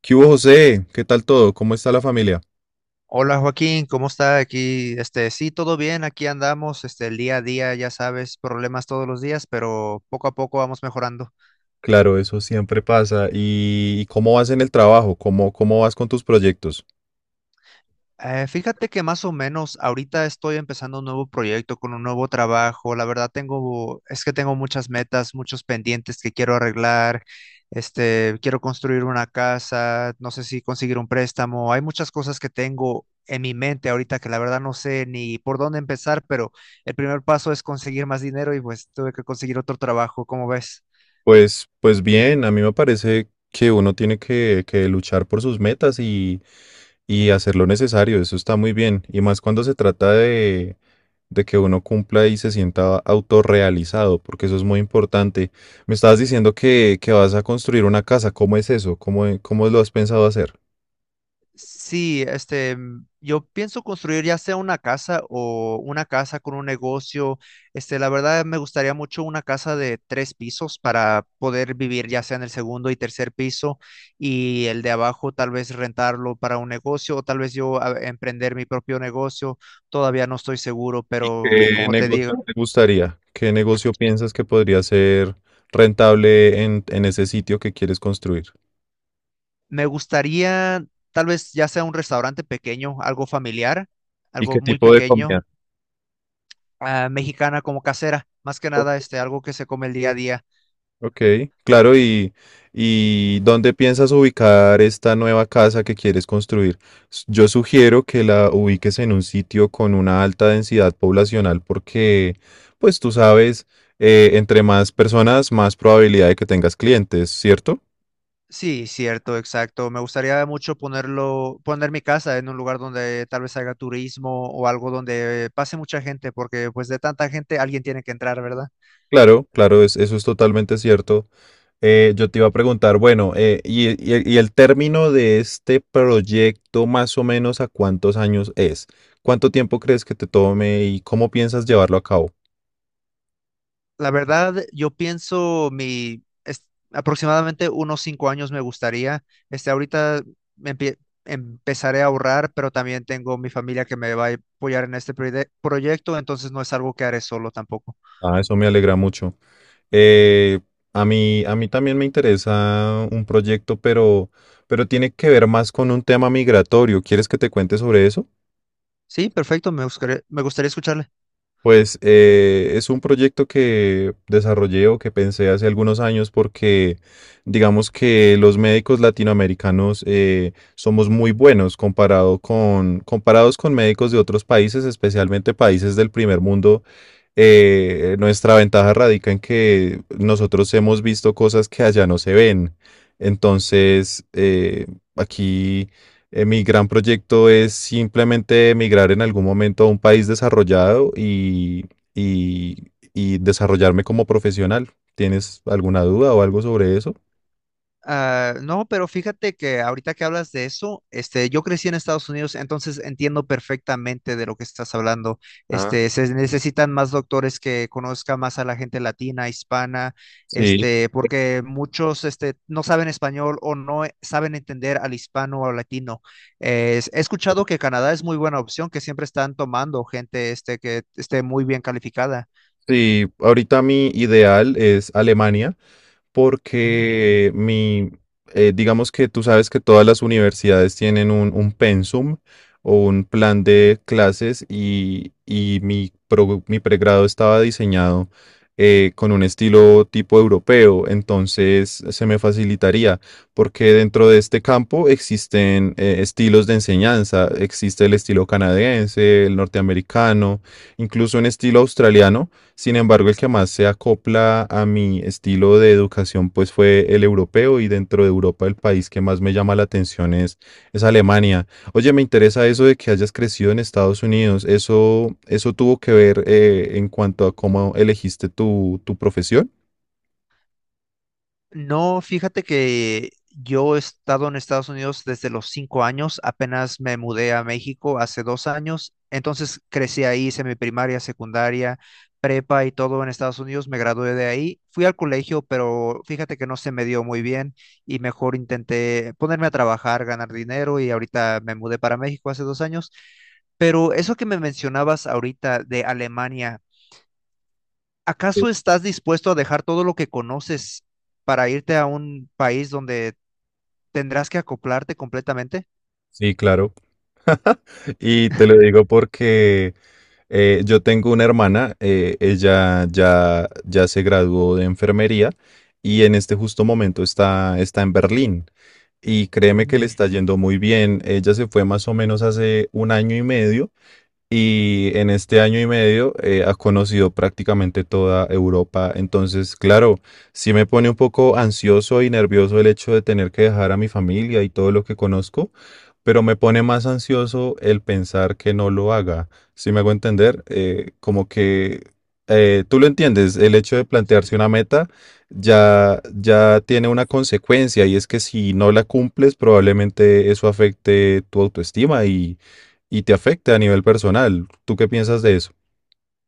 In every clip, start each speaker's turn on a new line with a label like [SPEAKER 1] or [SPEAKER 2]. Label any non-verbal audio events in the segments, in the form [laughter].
[SPEAKER 1] ¿Qué hubo, José? ¿Qué tal todo? ¿Cómo está la familia?
[SPEAKER 2] Hola Joaquín, ¿cómo está aquí? Sí, todo bien, aquí andamos, el día a día, ya sabes, problemas todos los días, pero poco a poco vamos mejorando.
[SPEAKER 1] Claro, eso siempre pasa. ¿Y cómo vas en el trabajo? ¿Cómo vas con tus proyectos?
[SPEAKER 2] Fíjate que más o menos ahorita estoy empezando un nuevo proyecto con un nuevo trabajo. La verdad es que tengo muchas metas, muchos pendientes que quiero arreglar. Quiero construir una casa, no sé si conseguir un préstamo. Hay muchas cosas que tengo en mi mente ahorita que la verdad no sé ni por dónde empezar, pero el primer paso es conseguir más dinero y pues tuve que conseguir otro trabajo. ¿Cómo ves?
[SPEAKER 1] Pues bien, a mí me parece que uno tiene que luchar por sus metas y hacer lo necesario. Eso está muy bien. Y más cuando se trata de que uno cumpla y se sienta autorrealizado, porque eso es muy importante. Me estabas diciendo que vas a construir una casa. ¿Cómo es eso? ¿Cómo lo has pensado hacer?
[SPEAKER 2] Sí, yo pienso construir ya sea una casa o una casa con un negocio. La verdad me gustaría mucho una casa de tres pisos para poder vivir ya sea en el segundo y tercer piso y el de abajo tal vez rentarlo para un negocio o tal vez yo emprender mi propio negocio. Todavía no estoy seguro, pero
[SPEAKER 1] ¿Qué
[SPEAKER 2] como te digo,
[SPEAKER 1] negocio te gustaría? ¿Qué negocio piensas que podría ser rentable en ese sitio que quieres construir?
[SPEAKER 2] me gustaría tal vez ya sea un restaurante pequeño, algo familiar,
[SPEAKER 1] ¿Y
[SPEAKER 2] algo
[SPEAKER 1] qué
[SPEAKER 2] muy
[SPEAKER 1] tipo de
[SPEAKER 2] pequeño.
[SPEAKER 1] comida?
[SPEAKER 2] Mexicana como casera, más que
[SPEAKER 1] O-
[SPEAKER 2] nada algo que se come el día a día.
[SPEAKER 1] Ok, claro, ¿y dónde piensas ubicar esta nueva casa que quieres construir? Yo sugiero que la ubiques en un sitio con una alta densidad poblacional porque, pues tú sabes, entre más personas, más probabilidad de que tengas clientes, ¿cierto?
[SPEAKER 2] Sí, cierto, exacto. Me gustaría mucho poner mi casa en un lugar donde tal vez haga turismo o algo donde pase mucha gente, porque pues de tanta gente alguien tiene que entrar, ¿verdad?
[SPEAKER 1] Claro, claro, eso es totalmente cierto. Yo te iba a preguntar, bueno, y el término de este proyecto más o menos ¿a cuántos años es? ¿Cuánto tiempo crees que te tome y cómo piensas llevarlo a cabo?
[SPEAKER 2] La verdad, yo pienso aproximadamente unos 5 años me gustaría. Ahorita me empie- empezaré a ahorrar, pero también tengo mi familia que me va a apoyar en este proyecto, entonces no es algo que haré solo tampoco.
[SPEAKER 1] Ah, eso me alegra mucho. Eh, a mí también me interesa un proyecto, pero tiene que ver más con un tema migratorio. ¿Quieres que te cuente sobre eso?
[SPEAKER 2] Sí, perfecto, me gustaría escucharle.
[SPEAKER 1] Pues es un proyecto que desarrollé o que pensé hace algunos años porque digamos que los médicos latinoamericanos somos muy buenos comparados con médicos de otros países, especialmente países del primer mundo. Nuestra ventaja radica en que nosotros hemos visto cosas que allá no se ven. Entonces, aquí mi gran proyecto es simplemente emigrar en algún momento a un país desarrollado y desarrollarme como profesional. ¿Tienes alguna duda o algo sobre eso?
[SPEAKER 2] No, pero fíjate que ahorita que hablas de eso, yo crecí en Estados Unidos, entonces entiendo perfectamente de lo que estás hablando.
[SPEAKER 1] Ah,
[SPEAKER 2] Se necesitan más doctores que conozcan más a la gente latina, hispana,
[SPEAKER 1] sí,
[SPEAKER 2] porque muchos, no saben español o no e- saben entender al hispano o latino. He escuchado que Canadá es muy buena opción, que siempre están tomando gente, que esté muy bien calificada.
[SPEAKER 1] sí, ahorita mi ideal es Alemania.
[SPEAKER 2] Mm.
[SPEAKER 1] Porque mi, digamos que tú sabes que todas las universidades tienen un pensum o un plan de clases y mi pregrado estaba diseñado con un estilo tipo europeo, entonces se me facilitaría, porque dentro de este campo existen estilos de enseñanza, existe el estilo canadiense, el norteamericano, incluso un estilo australiano. Sin embargo, el que más se acopla a mi estilo de educación, pues fue el europeo y dentro de Europa el país que más me llama la atención es Alemania. Oye, me interesa eso de que hayas crecido en Estados Unidos. ¿Eso, eso tuvo que ver en cuanto a cómo elegiste tu profesión?
[SPEAKER 2] No, fíjate que yo he estado en Estados Unidos desde los 5 años, apenas me mudé a México hace 2 años, entonces crecí ahí, hice mi primaria, secundaria, prepa y todo en Estados Unidos, me gradué de ahí, fui al colegio, pero fíjate que no se me dio muy bien y mejor intenté ponerme a trabajar, ganar dinero y ahorita me mudé para México hace 2 años. Pero eso que me mencionabas ahorita de Alemania,
[SPEAKER 1] Sí,
[SPEAKER 2] ¿acaso estás dispuesto a dejar todo lo que conoces para irte a un país donde tendrás que acoplarte completamente?
[SPEAKER 1] sí, claro. [laughs] Y te lo digo porque yo tengo una hermana, ella ya se graduó de enfermería y en este justo momento está en Berlín. Y créeme que le
[SPEAKER 2] Mm.
[SPEAKER 1] está yendo muy bien. Ella se fue más o menos hace un año y medio y en este año y medio ha conocido prácticamente toda Europa. Entonces, claro, sí me pone un poco ansioso y nervioso el hecho de tener que dejar a mi familia y todo lo que conozco, pero me pone más ansioso el pensar que no lo haga. Si me hago entender, como que tú lo entiendes, el hecho de plantearse una meta ya tiene una consecuencia y es que si no la cumples, probablemente eso afecte tu autoestima y te afecta a nivel personal. ¿Tú qué piensas de eso?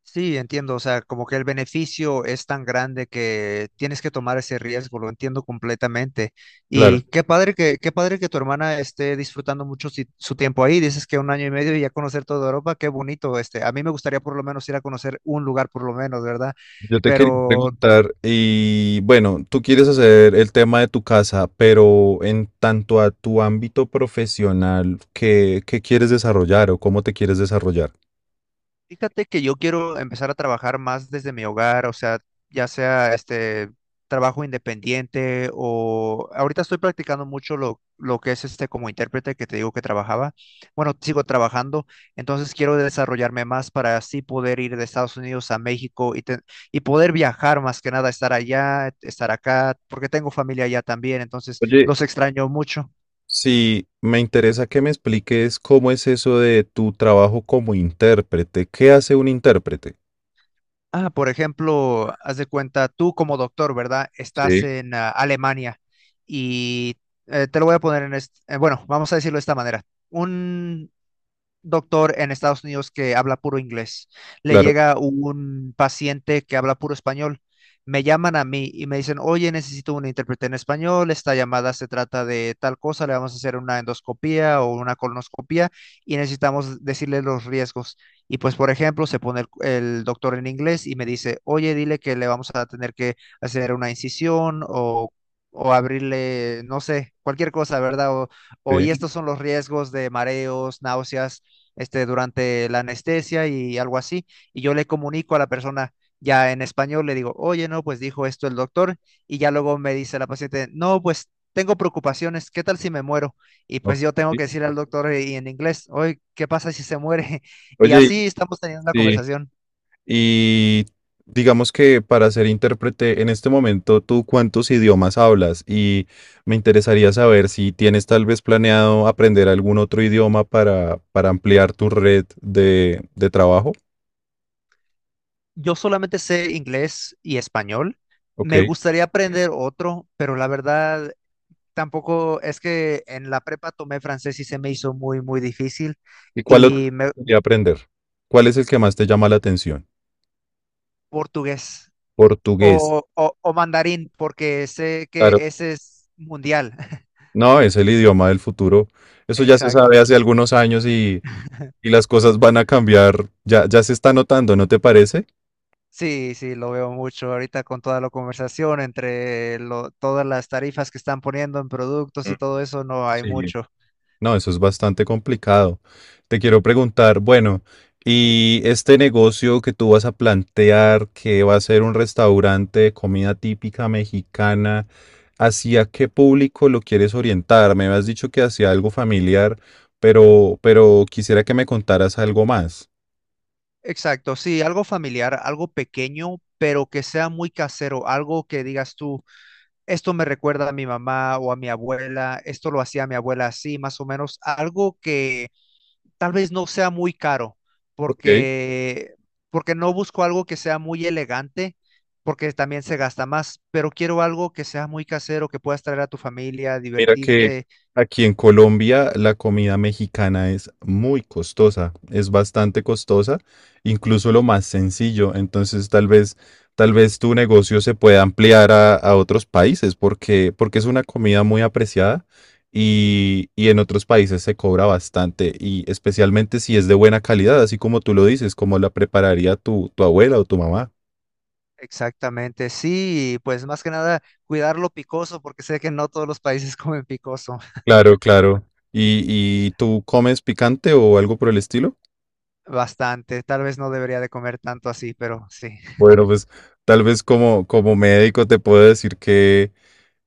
[SPEAKER 2] Sí, entiendo, o sea, como que el beneficio es tan grande que tienes que tomar ese riesgo, lo entiendo completamente. Y
[SPEAKER 1] Claro,
[SPEAKER 2] qué padre que tu hermana esté disfrutando mucho su tiempo ahí. Dices que un año y medio y ya conocer toda Europa, qué bonito. A mí me gustaría por lo menos ir a conocer un lugar por lo menos, ¿verdad? Mm.
[SPEAKER 1] yo te quería
[SPEAKER 2] Pero
[SPEAKER 1] preguntar, y bueno, tú quieres hacer el tema de tu casa, pero en tanto a tu ámbito profesional, ¿qué quieres desarrollar o cómo te quieres desarrollar?
[SPEAKER 2] fíjate que yo quiero empezar a trabajar más desde mi hogar, o sea, ya sea este trabajo independiente o ahorita estoy practicando mucho lo que es como intérprete que te digo que trabajaba. Bueno, sigo trabajando, entonces quiero desarrollarme más para así poder ir de Estados Unidos a México y, y poder viajar más que nada, estar allá, estar acá, porque tengo familia allá también, entonces
[SPEAKER 1] Oye,
[SPEAKER 2] los extraño mucho.
[SPEAKER 1] sí, me interesa que me expliques cómo es eso de tu trabajo como intérprete. ¿Qué hace un intérprete?
[SPEAKER 2] Por ejemplo, haz de cuenta, tú como doctor, ¿verdad? Estás
[SPEAKER 1] Sí,
[SPEAKER 2] en Alemania y te lo voy a poner en bueno, vamos a decirlo de esta manera. Un doctor en Estados Unidos que habla puro inglés. Le
[SPEAKER 1] claro,
[SPEAKER 2] llega un paciente que habla puro español. Me llaman a mí y me dicen, oye, necesito un intérprete en español, esta llamada se trata de tal cosa, le vamos a hacer una endoscopía o una colonoscopía y necesitamos decirle los riesgos. Y pues, por ejemplo, se pone el doctor en inglés y me dice, oye, dile que le vamos a tener que hacer una incisión o abrirle, no sé, cualquier cosa, ¿verdad? O, y
[SPEAKER 1] sí.
[SPEAKER 2] estos son los riesgos de mareos, náuseas, durante la anestesia y algo así, y yo le comunico a la persona ya en español, le digo, oye, no, pues dijo esto el doctor, y ya luego me dice la paciente, no, pues tengo preocupaciones, ¿qué tal si me muero? Y
[SPEAKER 1] Ok.
[SPEAKER 2] pues yo tengo que decir al doctor, y en inglés, oye, ¿qué pasa si se muere? [laughs] Y
[SPEAKER 1] Oye,
[SPEAKER 2] así estamos teniendo una
[SPEAKER 1] sí,
[SPEAKER 2] conversación.
[SPEAKER 1] y digamos que para ser intérprete en este momento, ¿tú cuántos idiomas hablas? Y me interesaría saber si tienes tal vez planeado aprender algún otro idioma para ampliar tu red de trabajo.
[SPEAKER 2] Yo solamente sé inglés y español.
[SPEAKER 1] Ok.
[SPEAKER 2] Me gustaría aprender otro, pero la verdad tampoco, es que en la prepa tomé francés y se me hizo muy, muy difícil.
[SPEAKER 1] ¿Y cuál otro
[SPEAKER 2] Y
[SPEAKER 1] te
[SPEAKER 2] me,
[SPEAKER 1] gustaría aprender? ¿Cuál es el que más te llama la atención?
[SPEAKER 2] portugués
[SPEAKER 1] Portugués.
[SPEAKER 2] o mandarín, porque sé
[SPEAKER 1] Claro,
[SPEAKER 2] que ese es mundial. [laughs]
[SPEAKER 1] no, es el idioma del futuro. Eso ya se
[SPEAKER 2] Exacto.
[SPEAKER 1] sabe hace algunos años y las cosas van a cambiar. Ya, ya se está notando, ¿no te parece?
[SPEAKER 2] Sí, sí, lo veo mucho ahorita con toda la conversación entre todas las tarifas que están poniendo en productos
[SPEAKER 1] Mm,
[SPEAKER 2] y todo eso, no hay
[SPEAKER 1] sí.
[SPEAKER 2] mucho.
[SPEAKER 1] No, eso es bastante complicado. Te quiero preguntar, bueno, ¿y este negocio que tú vas a plantear, que va a ser un restaurante de comida típica mexicana, ¿hacia qué público lo quieres orientar? Me has dicho que hacia algo familiar, pero quisiera que me contaras algo más.
[SPEAKER 2] Exacto, sí, algo familiar, algo pequeño, pero que sea muy casero, algo que digas tú, esto me recuerda a mi mamá o a mi abuela, esto lo hacía mi abuela así, más o menos, algo que tal vez no sea muy caro,
[SPEAKER 1] Ok.
[SPEAKER 2] porque, porque no busco algo que sea muy elegante, porque también se gasta más, pero quiero algo que sea muy casero, que puedas traer a tu familia,
[SPEAKER 1] Mira que
[SPEAKER 2] divertirte.
[SPEAKER 1] aquí en Colombia la comida mexicana es muy costosa, es bastante costosa, incluso lo más sencillo. Entonces, tal vez tu negocio se pueda ampliar a otros países porque, porque es una comida muy apreciada y en otros países se cobra bastante y especialmente si es de buena calidad, así como tú lo dices, como la prepararía tu abuela o tu mamá.
[SPEAKER 2] Exactamente, sí, pues más que nada cuidar lo picoso, porque sé que no todos los países [laughs] comen picoso
[SPEAKER 1] Claro, claro. Y tú comes picante o algo por el estilo?
[SPEAKER 2] bastante, tal vez no debería de comer tanto así, pero sí.
[SPEAKER 1] Bueno, pues tal vez como médico te puedo decir que,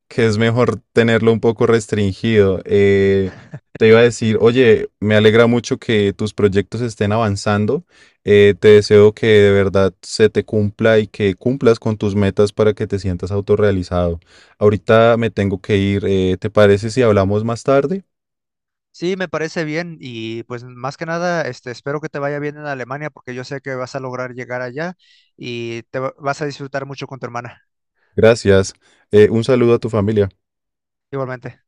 [SPEAKER 1] que es mejor tenerlo un poco restringido. Te iba a decir, oye, me alegra mucho que tus proyectos estén avanzando. Te deseo que de verdad se te cumpla y que cumplas con tus metas para que te sientas autorrealizado. Ahorita me tengo que ir. ¿Te parece si hablamos más tarde?
[SPEAKER 2] Sí, me parece bien y pues más que nada, espero que te vaya bien en Alemania, porque yo sé que vas a lograr llegar allá y vas a disfrutar mucho con tu hermana.
[SPEAKER 1] Gracias. Un saludo a tu familia.
[SPEAKER 2] Igualmente.